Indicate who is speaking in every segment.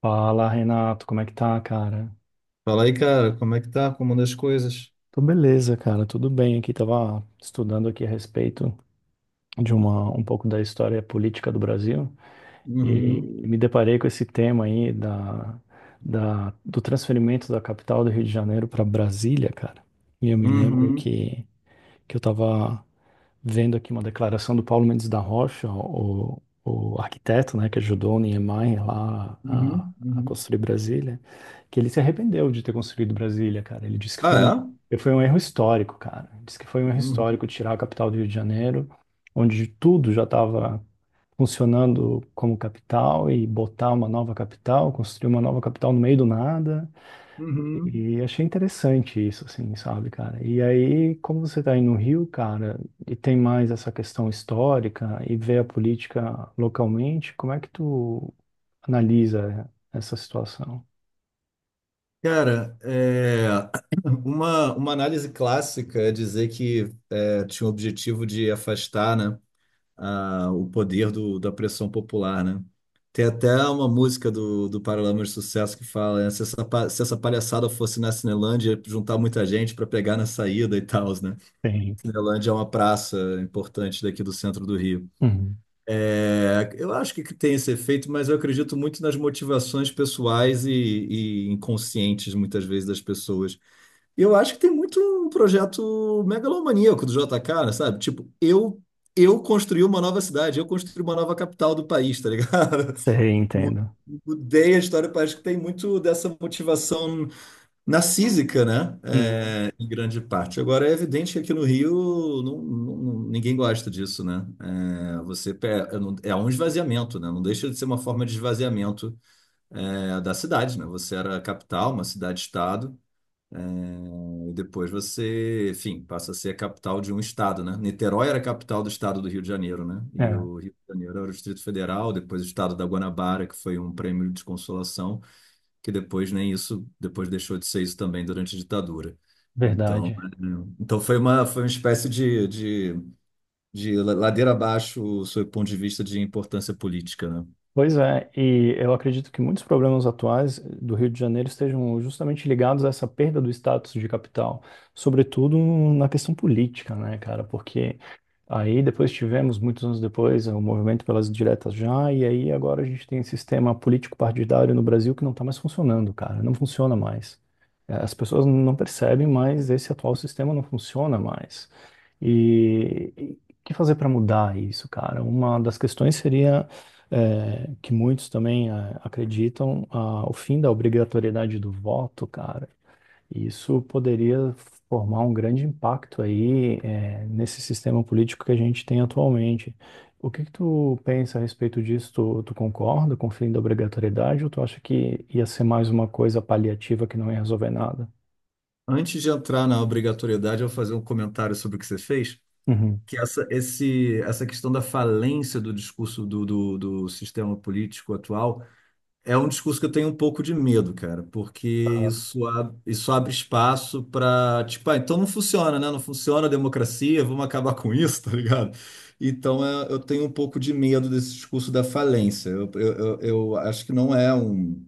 Speaker 1: Fala, Renato, como é que tá, cara?
Speaker 2: Fala aí, cara, como é que tá? Como anda as coisas?
Speaker 1: Tô beleza, cara, tudo bem aqui. Tava estudando aqui a respeito de um pouco da história política do Brasil e
Speaker 2: Uhum,
Speaker 1: me deparei com esse tema aí do transferimento da capital do Rio de Janeiro para Brasília, cara. E eu me lembro
Speaker 2: uhum,
Speaker 1: que eu tava vendo aqui uma declaração do Paulo Mendes da Rocha, o arquiteto, né, que ajudou o Niemeyer lá a,
Speaker 2: uhum,
Speaker 1: a
Speaker 2: uhum.
Speaker 1: construir Brasília, que ele se arrependeu de ter construído Brasília, cara. Ele disse que
Speaker 2: Ah, é?
Speaker 1: foi um erro histórico, cara. Ele disse que foi um erro histórico
Speaker 2: Uhum,
Speaker 1: tirar a capital do Rio de Janeiro, onde tudo já estava funcionando como capital, e botar uma nova capital, construir uma nova capital no meio do nada.
Speaker 2: uhum.
Speaker 1: E achei interessante isso, assim, sabe, cara? E aí, como você tá aí no Rio, cara, e tem mais essa questão histórica e vê a política localmente, como é que tu analisa essa situação?
Speaker 2: Cara, é, uma análise clássica é dizer que é, tinha o objetivo de afastar, né, o poder da pressão popular, né? Tem até uma música do Paralamas de Sucesso que fala, né, se essa, se essa palhaçada fosse na Cinelândia, juntar muita gente para pegar na saída e tal, né?
Speaker 1: Sim.
Speaker 2: Cinelândia é uma praça importante daqui do centro do Rio.
Speaker 1: Uhum.
Speaker 2: É, eu acho que tem esse efeito, mas eu acredito muito nas motivações pessoais e inconscientes, muitas vezes, das pessoas. E eu acho que tem muito um projeto megalomaníaco do JK, sabe? Tipo, eu construí uma nova cidade, eu construí uma nova capital do país, tá ligado?
Speaker 1: Sei,
Speaker 2: Mu-
Speaker 1: entendo.
Speaker 2: Mudei a história, parece que tem muito dessa motivação narcísica, né?
Speaker 1: Uhum.
Speaker 2: Em grande parte. Agora, é evidente que aqui no Rio ninguém gosta disso, né? É, você pe- é não- é um esvaziamento, né? Não deixa de ser uma forma de esvaziamento, é, da cidade, né? Você era a capital, uma cidade-estado, e depois você, enfim, passa a ser a capital de um estado, né? Niterói era a capital do estado do Rio de Janeiro, né? E
Speaker 1: É,
Speaker 2: o Rio de Janeiro era o Distrito Federal, depois o estado da Guanabara, que foi um prêmio de consolação que depois nem isso, depois deixou de ser isso também durante a ditadura. Então,
Speaker 1: verdade.
Speaker 2: então foi uma espécie de ladeira abaixo, sob o ponto de vista de importância política, né?
Speaker 1: Pois é, e eu acredito que muitos problemas atuais do Rio de Janeiro estejam justamente ligados a essa perda do status de capital, sobretudo na questão política, né, cara? Porque aí depois tivemos, muitos anos depois, o movimento pelas diretas já, e aí agora a gente tem um sistema político-partidário no Brasil que não está mais funcionando, cara, não funciona mais. As pessoas não percebem, mas esse atual sistema não funciona mais. E o que fazer para mudar isso, cara? Uma das questões seria, que muitos também acreditam, ah, o fim da obrigatoriedade do voto, cara. E isso poderia formar um grande impacto aí, nesse sistema político que a gente tem atualmente. O que tu pensa a respeito disso? Tu concorda com o fim da obrigatoriedade ou tu acha que ia ser mais uma coisa paliativa que não ia resolver nada?
Speaker 2: Antes de entrar na obrigatoriedade, eu vou fazer um comentário sobre o que você fez,
Speaker 1: Uhum.
Speaker 2: que essa questão da falência do discurso do sistema político atual é um discurso que eu tenho um pouco de medo, cara, porque isso, isso abre espaço para, tipo, ah, então não funciona, né? Não funciona a democracia, vamos acabar com isso, tá ligado? Então é, eu tenho um pouco de medo desse discurso da falência. Eu acho que não é um,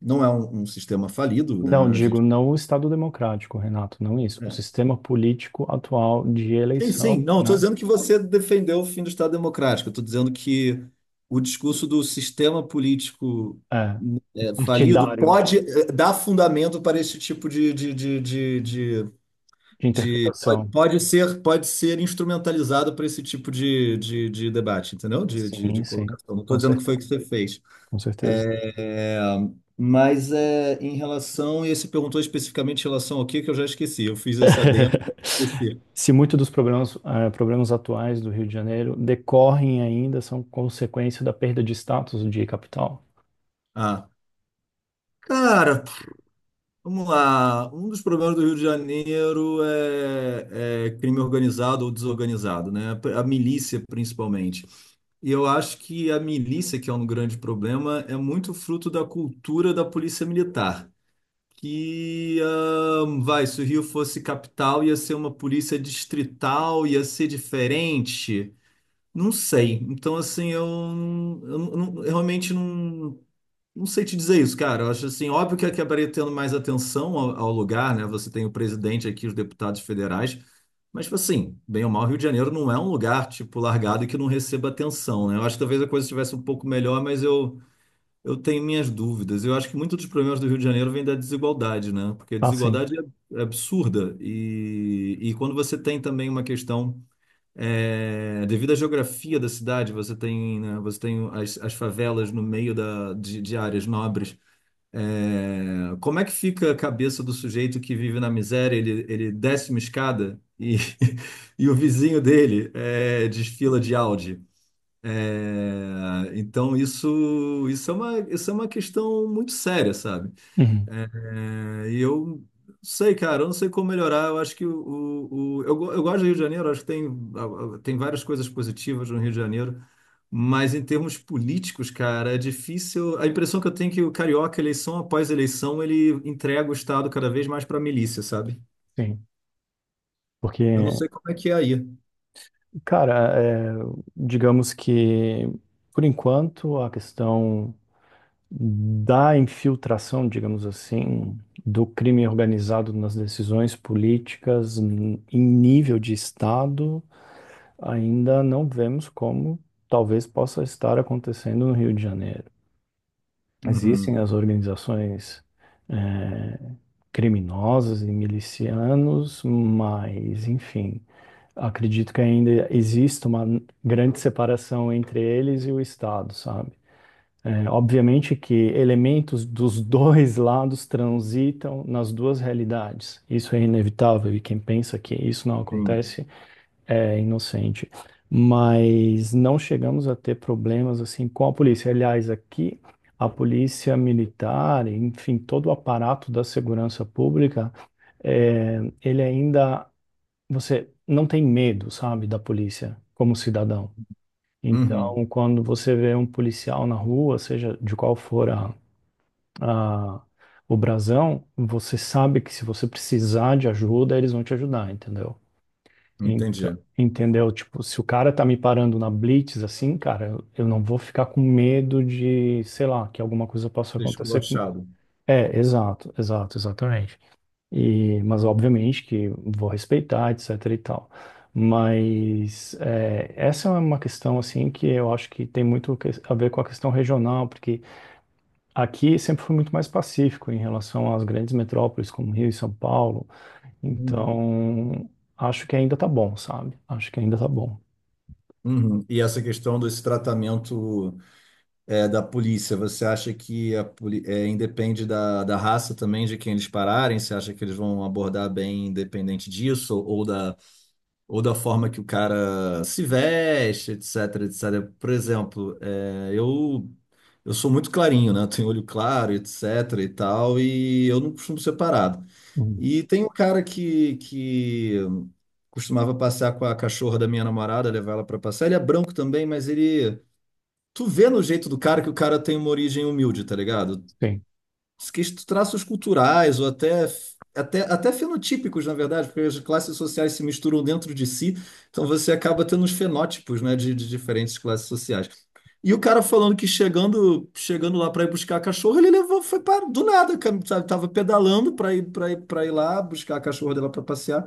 Speaker 2: não é um sistema falido,
Speaker 1: Não,
Speaker 2: né? A
Speaker 1: digo,
Speaker 2: gente.
Speaker 1: não o Estado democrático, Renato, não isso. O
Speaker 2: É.
Speaker 1: sistema político atual de
Speaker 2: Sim, sim.
Speaker 1: eleição,
Speaker 2: Não, estou
Speaker 1: né?
Speaker 2: dizendo que você defendeu o fim do Estado Democrático. Estou dizendo que o discurso do sistema político
Speaker 1: É,
Speaker 2: é, falido
Speaker 1: partidário
Speaker 2: pode é, dar fundamento para esse tipo
Speaker 1: de
Speaker 2: pode,
Speaker 1: interpretação.
Speaker 2: pode ser instrumentalizado para esse tipo de debate, entendeu? De
Speaker 1: Sim, sim,
Speaker 2: colocação. Não estou
Speaker 1: com
Speaker 2: dizendo que foi o
Speaker 1: certeza,
Speaker 2: que você fez.
Speaker 1: com certeza.
Speaker 2: É, mas é, em relação, e você perguntou especificamente em relação ao que eu já esqueci. Eu fiz esse adendo, esqueci.
Speaker 1: Se muitos dos problemas atuais do Rio de Janeiro decorrem ainda, são consequência da perda de status de capital.
Speaker 2: Ah. Cara, vamos lá. Um dos problemas do Rio de Janeiro é crime organizado ou desorganizado, né? A milícia, principalmente. E eu acho que a milícia, que é um grande problema, é muito fruto da cultura da polícia militar. Que, vai, se o Rio fosse capital, ia ser uma polícia distrital, ia ser diferente. Não sei. Então, assim, eu realmente não. Não sei te dizer isso, cara. Eu acho assim, óbvio que acabaria tendo mais atenção ao lugar, né? Você tem o presidente aqui, os deputados federais, mas tipo assim, bem ou mal, Rio de Janeiro não é um lugar tipo largado e que não receba atenção, né? Eu acho que talvez a coisa estivesse um pouco melhor, mas eu tenho minhas dúvidas. Eu acho que muitos dos problemas do Rio de Janeiro vêm da desigualdade, né? Porque a
Speaker 1: Ah, sim.
Speaker 2: desigualdade é é absurda e quando você tem também uma questão é, devido à geografia da cidade, você tem, né, você tem as, as favelas no meio de áreas nobres. É, como é que fica a cabeça do sujeito que vive na miséria? Ele desce uma escada e, e o vizinho dele é, desfila de Audi. É, então isso, isso é uma questão muito séria, sabe?
Speaker 1: Uhum.
Speaker 2: É, e eu não sei, cara, eu não sei como melhorar. Eu acho que eu gosto do Rio de Janeiro, acho que tem, tem várias coisas positivas no Rio de Janeiro, mas em termos políticos, cara, é difícil. A impressão que eu tenho é que o carioca, eleição após eleição, ele entrega o Estado cada vez mais para a milícia, sabe?
Speaker 1: Sim.
Speaker 2: Eu não
Speaker 1: Porque,
Speaker 2: sei como é que é aí.
Speaker 1: cara, digamos que, por enquanto, a questão da infiltração, digamos assim, do crime organizado nas decisões políticas em nível de Estado ainda não vemos como talvez possa estar acontecendo no Rio de Janeiro. Existem
Speaker 2: Uhum,
Speaker 1: as organizações eh, criminosas e milicianos, mas, enfim, acredito que ainda existe uma grande separação entre eles e o Estado, sabe? Obviamente que elementos dos dois lados transitam nas duas realidades. Isso é inevitável, e quem pensa que isso não
Speaker 2: sim.
Speaker 1: acontece é inocente. Mas não chegamos a ter problemas assim com a polícia. Aliás, aqui a polícia militar, enfim, todo o aparato da segurança pública, é, ele ainda, você não tem medo, sabe, da polícia como cidadão.
Speaker 2: Uhum,
Speaker 1: Então, quando você vê um policial na rua, seja de qual for a- o brasão, você sabe que se você precisar de ajuda, eles vão te ajudar, entendeu?
Speaker 2: entendi.
Speaker 1: Então, entendeu? Tipo, se o cara tá me parando na blitz assim, cara, eu não vou ficar com medo de, sei lá, que alguma coisa possa
Speaker 2: Ser
Speaker 1: acontecer com...
Speaker 2: esculachado.
Speaker 1: É, exato, exato, exatamente. E, mas obviamente que vou respeitar, etc e tal. Mas é, essa é uma questão assim que eu acho que tem muito a ver com a questão regional, porque aqui sempre foi muito mais pacífico em relação às grandes metrópoles como Rio e São Paulo.
Speaker 2: Uhum.
Speaker 1: Então, acho que ainda tá bom, sabe? Acho que ainda tá bom.
Speaker 2: Uhum. E essa questão desse tratamento. É, da polícia, você acha que a é, independe da raça também de quem eles pararem? Você acha que eles vão abordar bem independente disso? Ou da forma que o cara se veste, etc, etc. Por exemplo, é, eu sou muito clarinho, né? Eu tenho olho claro, etc e tal, e eu não costumo ser parado.
Speaker 1: Uhum,
Speaker 2: E tem um cara que costumava passear com a cachorra da minha namorada, levar ela para passear. Ele é branco também, mas ele tu vê no jeito do cara que o cara tem uma origem humilde, tá ligado?
Speaker 1: sim.
Speaker 2: Que traços culturais ou até fenotípicos, na verdade, porque as classes sociais se misturam dentro de si, então você acaba tendo uns fenótipos, né, de diferentes classes sociais. E o cara falando que chegando lá para ir buscar a cachorra, ele levou, foi para do nada, cara, sabe? Tava pedalando para para ir lá buscar a cachorra dela para passear.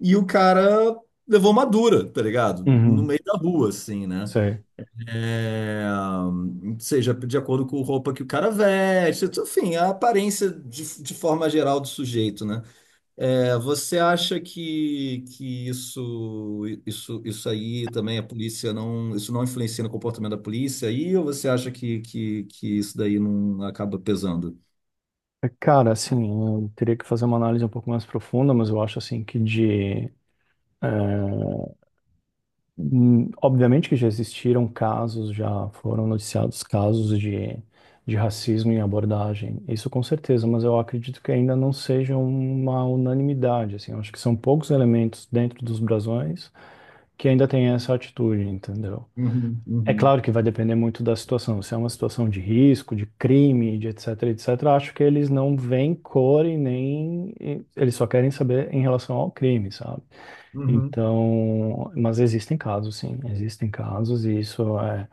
Speaker 2: E o cara levou uma dura, tá ligado? No
Speaker 1: Uhum,
Speaker 2: meio da rua, assim, né?
Speaker 1: sei.
Speaker 2: É, seja de acordo com a roupa que o cara veste, enfim, a aparência de forma geral do sujeito, né? É, você acha que isso aí também a polícia não, isso não influencia no comportamento da polícia aí, ou você acha que isso daí não acaba pesando?
Speaker 1: É, cara, assim, eu teria que fazer uma análise um pouco mais profunda, mas eu acho assim que de... eh, obviamente que já existiram casos, já foram noticiados casos de racismo em abordagem. Isso com certeza, mas eu acredito que ainda não seja uma unanimidade, assim. Eu acho que são poucos elementos dentro dos brasões que ainda têm essa atitude, entendeu?
Speaker 2: Uhum,
Speaker 1: É
Speaker 2: uhum,
Speaker 1: claro que vai depender muito da situação. Se é uma situação de risco, de crime, de etc, etc, acho que eles não veem cor e nem eles só querem saber em relação ao crime, sabe?
Speaker 2: uhum,
Speaker 1: Então, mas existem casos, sim, existem casos e isso é,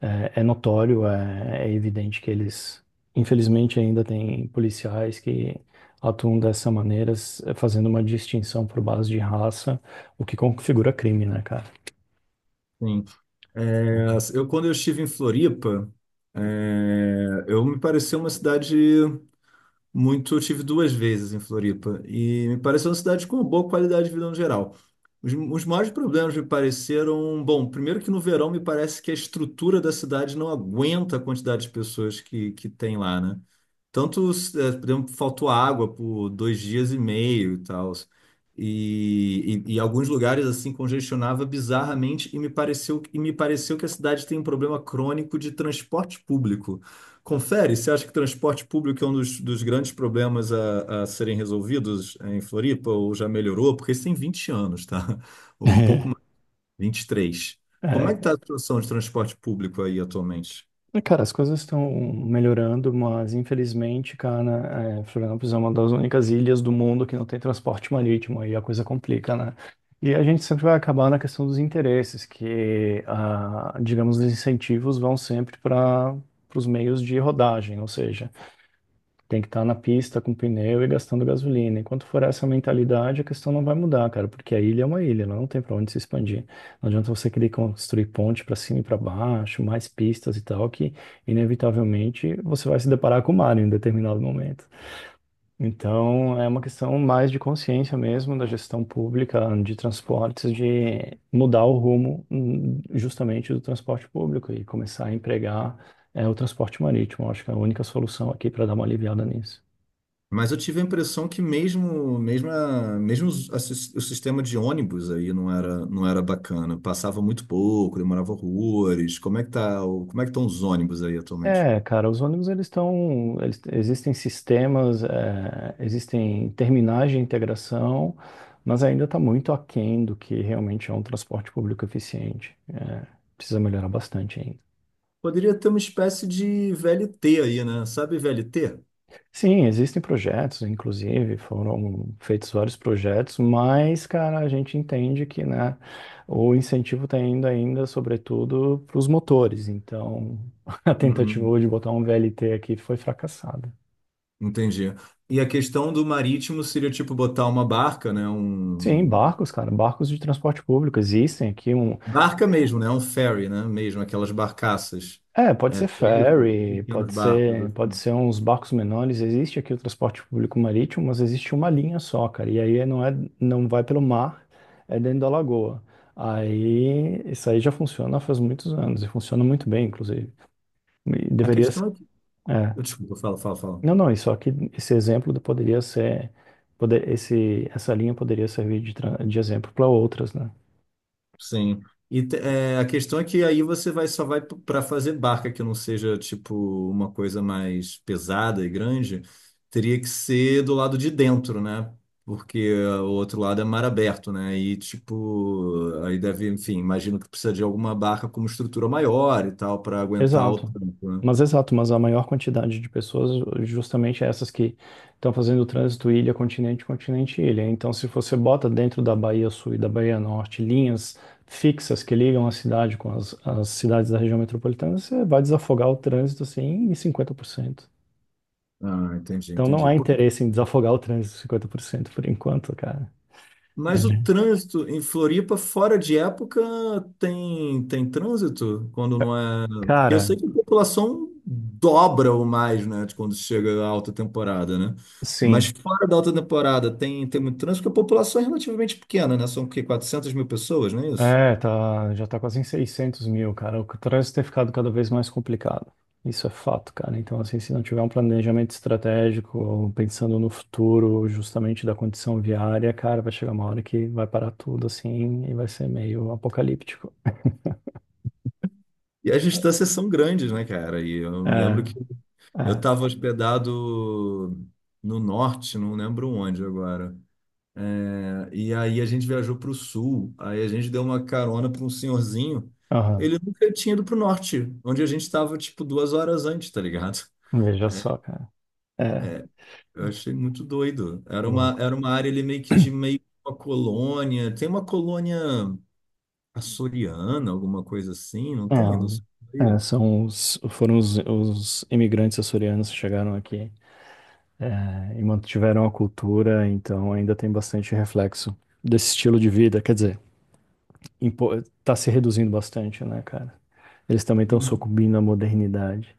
Speaker 1: é, é notório, é evidente que eles, infelizmente, ainda tem policiais que atuam dessa maneira, fazendo uma distinção por base de raça, o que configura crime, né, cara?
Speaker 2: sim. É, eu, quando eu estive em Floripa, é, eu me pareceu uma cidade muito, eu tive duas vezes em Floripa e me pareceu uma cidade com uma boa qualidade de vida no geral. Os maiores problemas me pareceram, bom, primeiro que no verão me parece que a estrutura da cidade não aguenta a quantidade de pessoas que tem lá, né? Tanto, eh, por exemplo, faltou água por 2 dias e meio e tal. E alguns lugares assim congestionava bizarramente e me pareceu que a cidade tem um problema crônico de transporte público. Confere, você acha que transporte público é um dos grandes problemas a serem resolvidos em Floripa ou já melhorou? Porque isso tem 20 anos, tá? Um pouco mais, 23. Como é que está
Speaker 1: É,
Speaker 2: a situação de transporte público aí atualmente?
Speaker 1: É, cara, as coisas estão melhorando, mas infelizmente, cara, é, Florianópolis é uma das únicas ilhas do mundo que não tem transporte marítimo, aí a coisa complica, né? E a gente sempre vai acabar na questão dos interesses, que, ah, digamos, os incentivos vão sempre para os meios de rodagem, ou seja, tem que estar na pista com pneu e gastando gasolina. Enquanto for essa mentalidade, a questão não vai mudar, cara, porque a ilha é uma ilha, ela não tem para onde se expandir. Não adianta você querer construir ponte para cima e para baixo, mais pistas e tal, que inevitavelmente você vai se deparar com o mar em um determinado momento. Então, é uma questão mais de consciência mesmo da gestão pública de transportes, de mudar o rumo, justamente do transporte público, e começar a empregar o transporte marítimo. Eu acho que é a única solução aqui para dar uma aliviada nisso.
Speaker 2: Mas eu tive a impressão que mesmo, mesmo, a- mesmo os- a sis- o sistema de ônibus aí não era bacana. Passava muito pouco, demorava horrores. Como é que tá, como é que estão os ônibus aí atualmente?
Speaker 1: É, cara, os ônibus, existem sistemas, é, existem terminais de integração, mas ainda está muito aquém do que realmente é um transporte público eficiente. É, precisa melhorar bastante ainda.
Speaker 2: Poderia ter uma espécie de VLT aí, né? Sabe VLT?
Speaker 1: Sim, existem projetos, inclusive foram feitos vários projetos, mas, cara, a gente entende que, né, o incentivo está indo ainda, sobretudo, para os motores. Então, a
Speaker 2: Uhum.
Speaker 1: tentativa de botar um VLT aqui foi fracassada.
Speaker 2: Entendi. E a questão do marítimo seria tipo botar uma barca, né?
Speaker 1: Sim,
Speaker 2: Um
Speaker 1: barcos, cara, barcos de transporte público existem aqui um,
Speaker 2: barca mesmo, né? Um ferry, né? Mesmo aquelas barcaças.
Speaker 1: pode
Speaker 2: É,
Speaker 1: ser
Speaker 2: seria isso,
Speaker 1: ferry,
Speaker 2: pequenos barcos. Assim.
Speaker 1: pode ser uns barcos menores, existe aqui o transporte público marítimo, mas existe uma linha só, cara, e aí não é, não vai pelo mar, é dentro da lagoa. Aí isso aí já funciona faz muitos anos e funciona muito bem, inclusive. E
Speaker 2: A
Speaker 1: deveria ser,
Speaker 2: questão é que,
Speaker 1: é.
Speaker 2: desculpa, fala.
Speaker 1: Não, não, isso aqui, esse exemplo poderia ser, esse, essa linha poderia servir de, de exemplo para outras, né?
Speaker 2: Sim. E é, a questão é que aí você vai só vai para fazer barca que não seja tipo uma coisa mais pesada e grande, teria que ser do lado de dentro, né? Porque ó, o outro lado é mar aberto, né? E tipo, aí deve, enfim, imagino que precisa de alguma barca com uma estrutura maior e tal para aguentar o
Speaker 1: Exato.
Speaker 2: tempo, né?
Speaker 1: Mas exato, mas a maior quantidade de pessoas, justamente essas que estão fazendo o trânsito ilha, continente, continente, ilha. Então, se você bota dentro da Bahia Sul e da Bahia Norte linhas fixas que ligam a cidade com as cidades da região metropolitana, você vai desafogar o trânsito assim em 50%.
Speaker 2: Ah,
Speaker 1: Então, não
Speaker 2: entendi.
Speaker 1: há interesse em desafogar o trânsito em 50% por enquanto, cara.
Speaker 2: Mas o
Speaker 1: Uhum.
Speaker 2: trânsito em Floripa, fora de época, tem, tem trânsito quando não é. Porque eu sei
Speaker 1: Cara,
Speaker 2: que a população dobra ou mais, né, de quando chega a alta temporada, né? Mas
Speaker 1: sim.
Speaker 2: fora da alta temporada tem, tem muito trânsito, porque a população é relativamente pequena, né? São o quê? 400 mil pessoas, não é isso?
Speaker 1: É, tá, já tá quase em 600 mil, cara. O trânsito tem ficado cada vez mais complicado. Isso é fato, cara. Então, assim, se não tiver um planejamento estratégico, pensando no futuro, justamente da condição viária, cara, vai chegar uma hora que vai parar tudo, assim, e vai ser meio apocalíptico.
Speaker 2: E as distâncias são grandes, né, cara? E eu me lembro
Speaker 1: É,
Speaker 2: que eu
Speaker 1: é,
Speaker 2: estava hospedado no norte, não lembro onde agora. E aí a gente viajou para o sul, aí a gente deu uma carona para um senhorzinho.
Speaker 1: aham.
Speaker 2: Ele nunca tinha ido para o norte, onde a gente estava tipo 2 horas antes, tá ligado?
Speaker 1: Veja só, cara. É,
Speaker 2: Eu achei muito doido.
Speaker 1: louco.
Speaker 2: Era uma área ali meio que uma colônia. Tem uma colônia açoriana, alguma coisa assim, não tem? Não sei.
Speaker 1: São os, foram os imigrantes açorianos que chegaram aqui. É, e mantiveram a cultura, então ainda tem bastante reflexo desse estilo de vida. Quer dizer, tá se reduzindo bastante, né, cara? Eles também estão
Speaker 2: Uhum.
Speaker 1: sucumbindo à modernidade.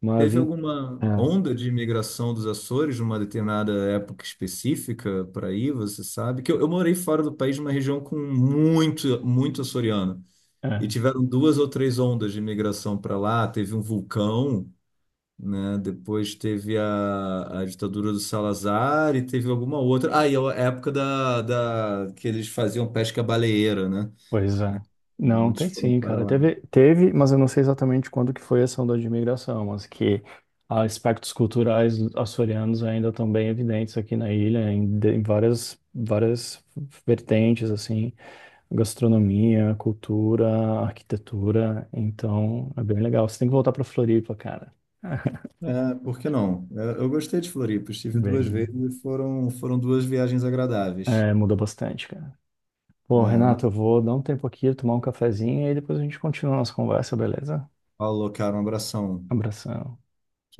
Speaker 1: Mas,
Speaker 2: Teve alguma onda de imigração dos Açores numa determinada época específica para aí, você sabe? Que eu morei fora do país numa região com muito açoriano.
Speaker 1: é,
Speaker 2: E
Speaker 1: é,
Speaker 2: tiveram duas ou três ondas de imigração para lá. Teve um vulcão, né? Depois teve a ditadura do Salazar e teve alguma outra. Ah, e a época que eles faziam pesca baleeira, né?
Speaker 1: pois é. Não,
Speaker 2: Muitos
Speaker 1: tem
Speaker 2: foram
Speaker 1: sim,
Speaker 2: para
Speaker 1: cara.
Speaker 2: lá.
Speaker 1: Teve, teve, mas eu não sei exatamente quando que foi essa onda de imigração, mas que aspectos culturais açorianos ainda estão bem evidentes aqui na ilha, em várias, várias vertentes, assim. Gastronomia, cultura, arquitetura. Então, é bem legal. Você tem que voltar pra Floripa, cara.
Speaker 2: É, por que não? É, eu gostei de Floripa, estive duas
Speaker 1: Beleza.
Speaker 2: vezes e foram, foram duas viagens agradáveis.
Speaker 1: É, muda bastante, cara.
Speaker 2: É,
Speaker 1: Pô,
Speaker 2: uma
Speaker 1: Renato, eu
Speaker 2: em São
Speaker 1: vou dar um tempo aqui, tomar um cafezinho e aí depois a gente continua a nossa conversa, beleza?
Speaker 2: Paulo, cara, um abração.
Speaker 1: Abração.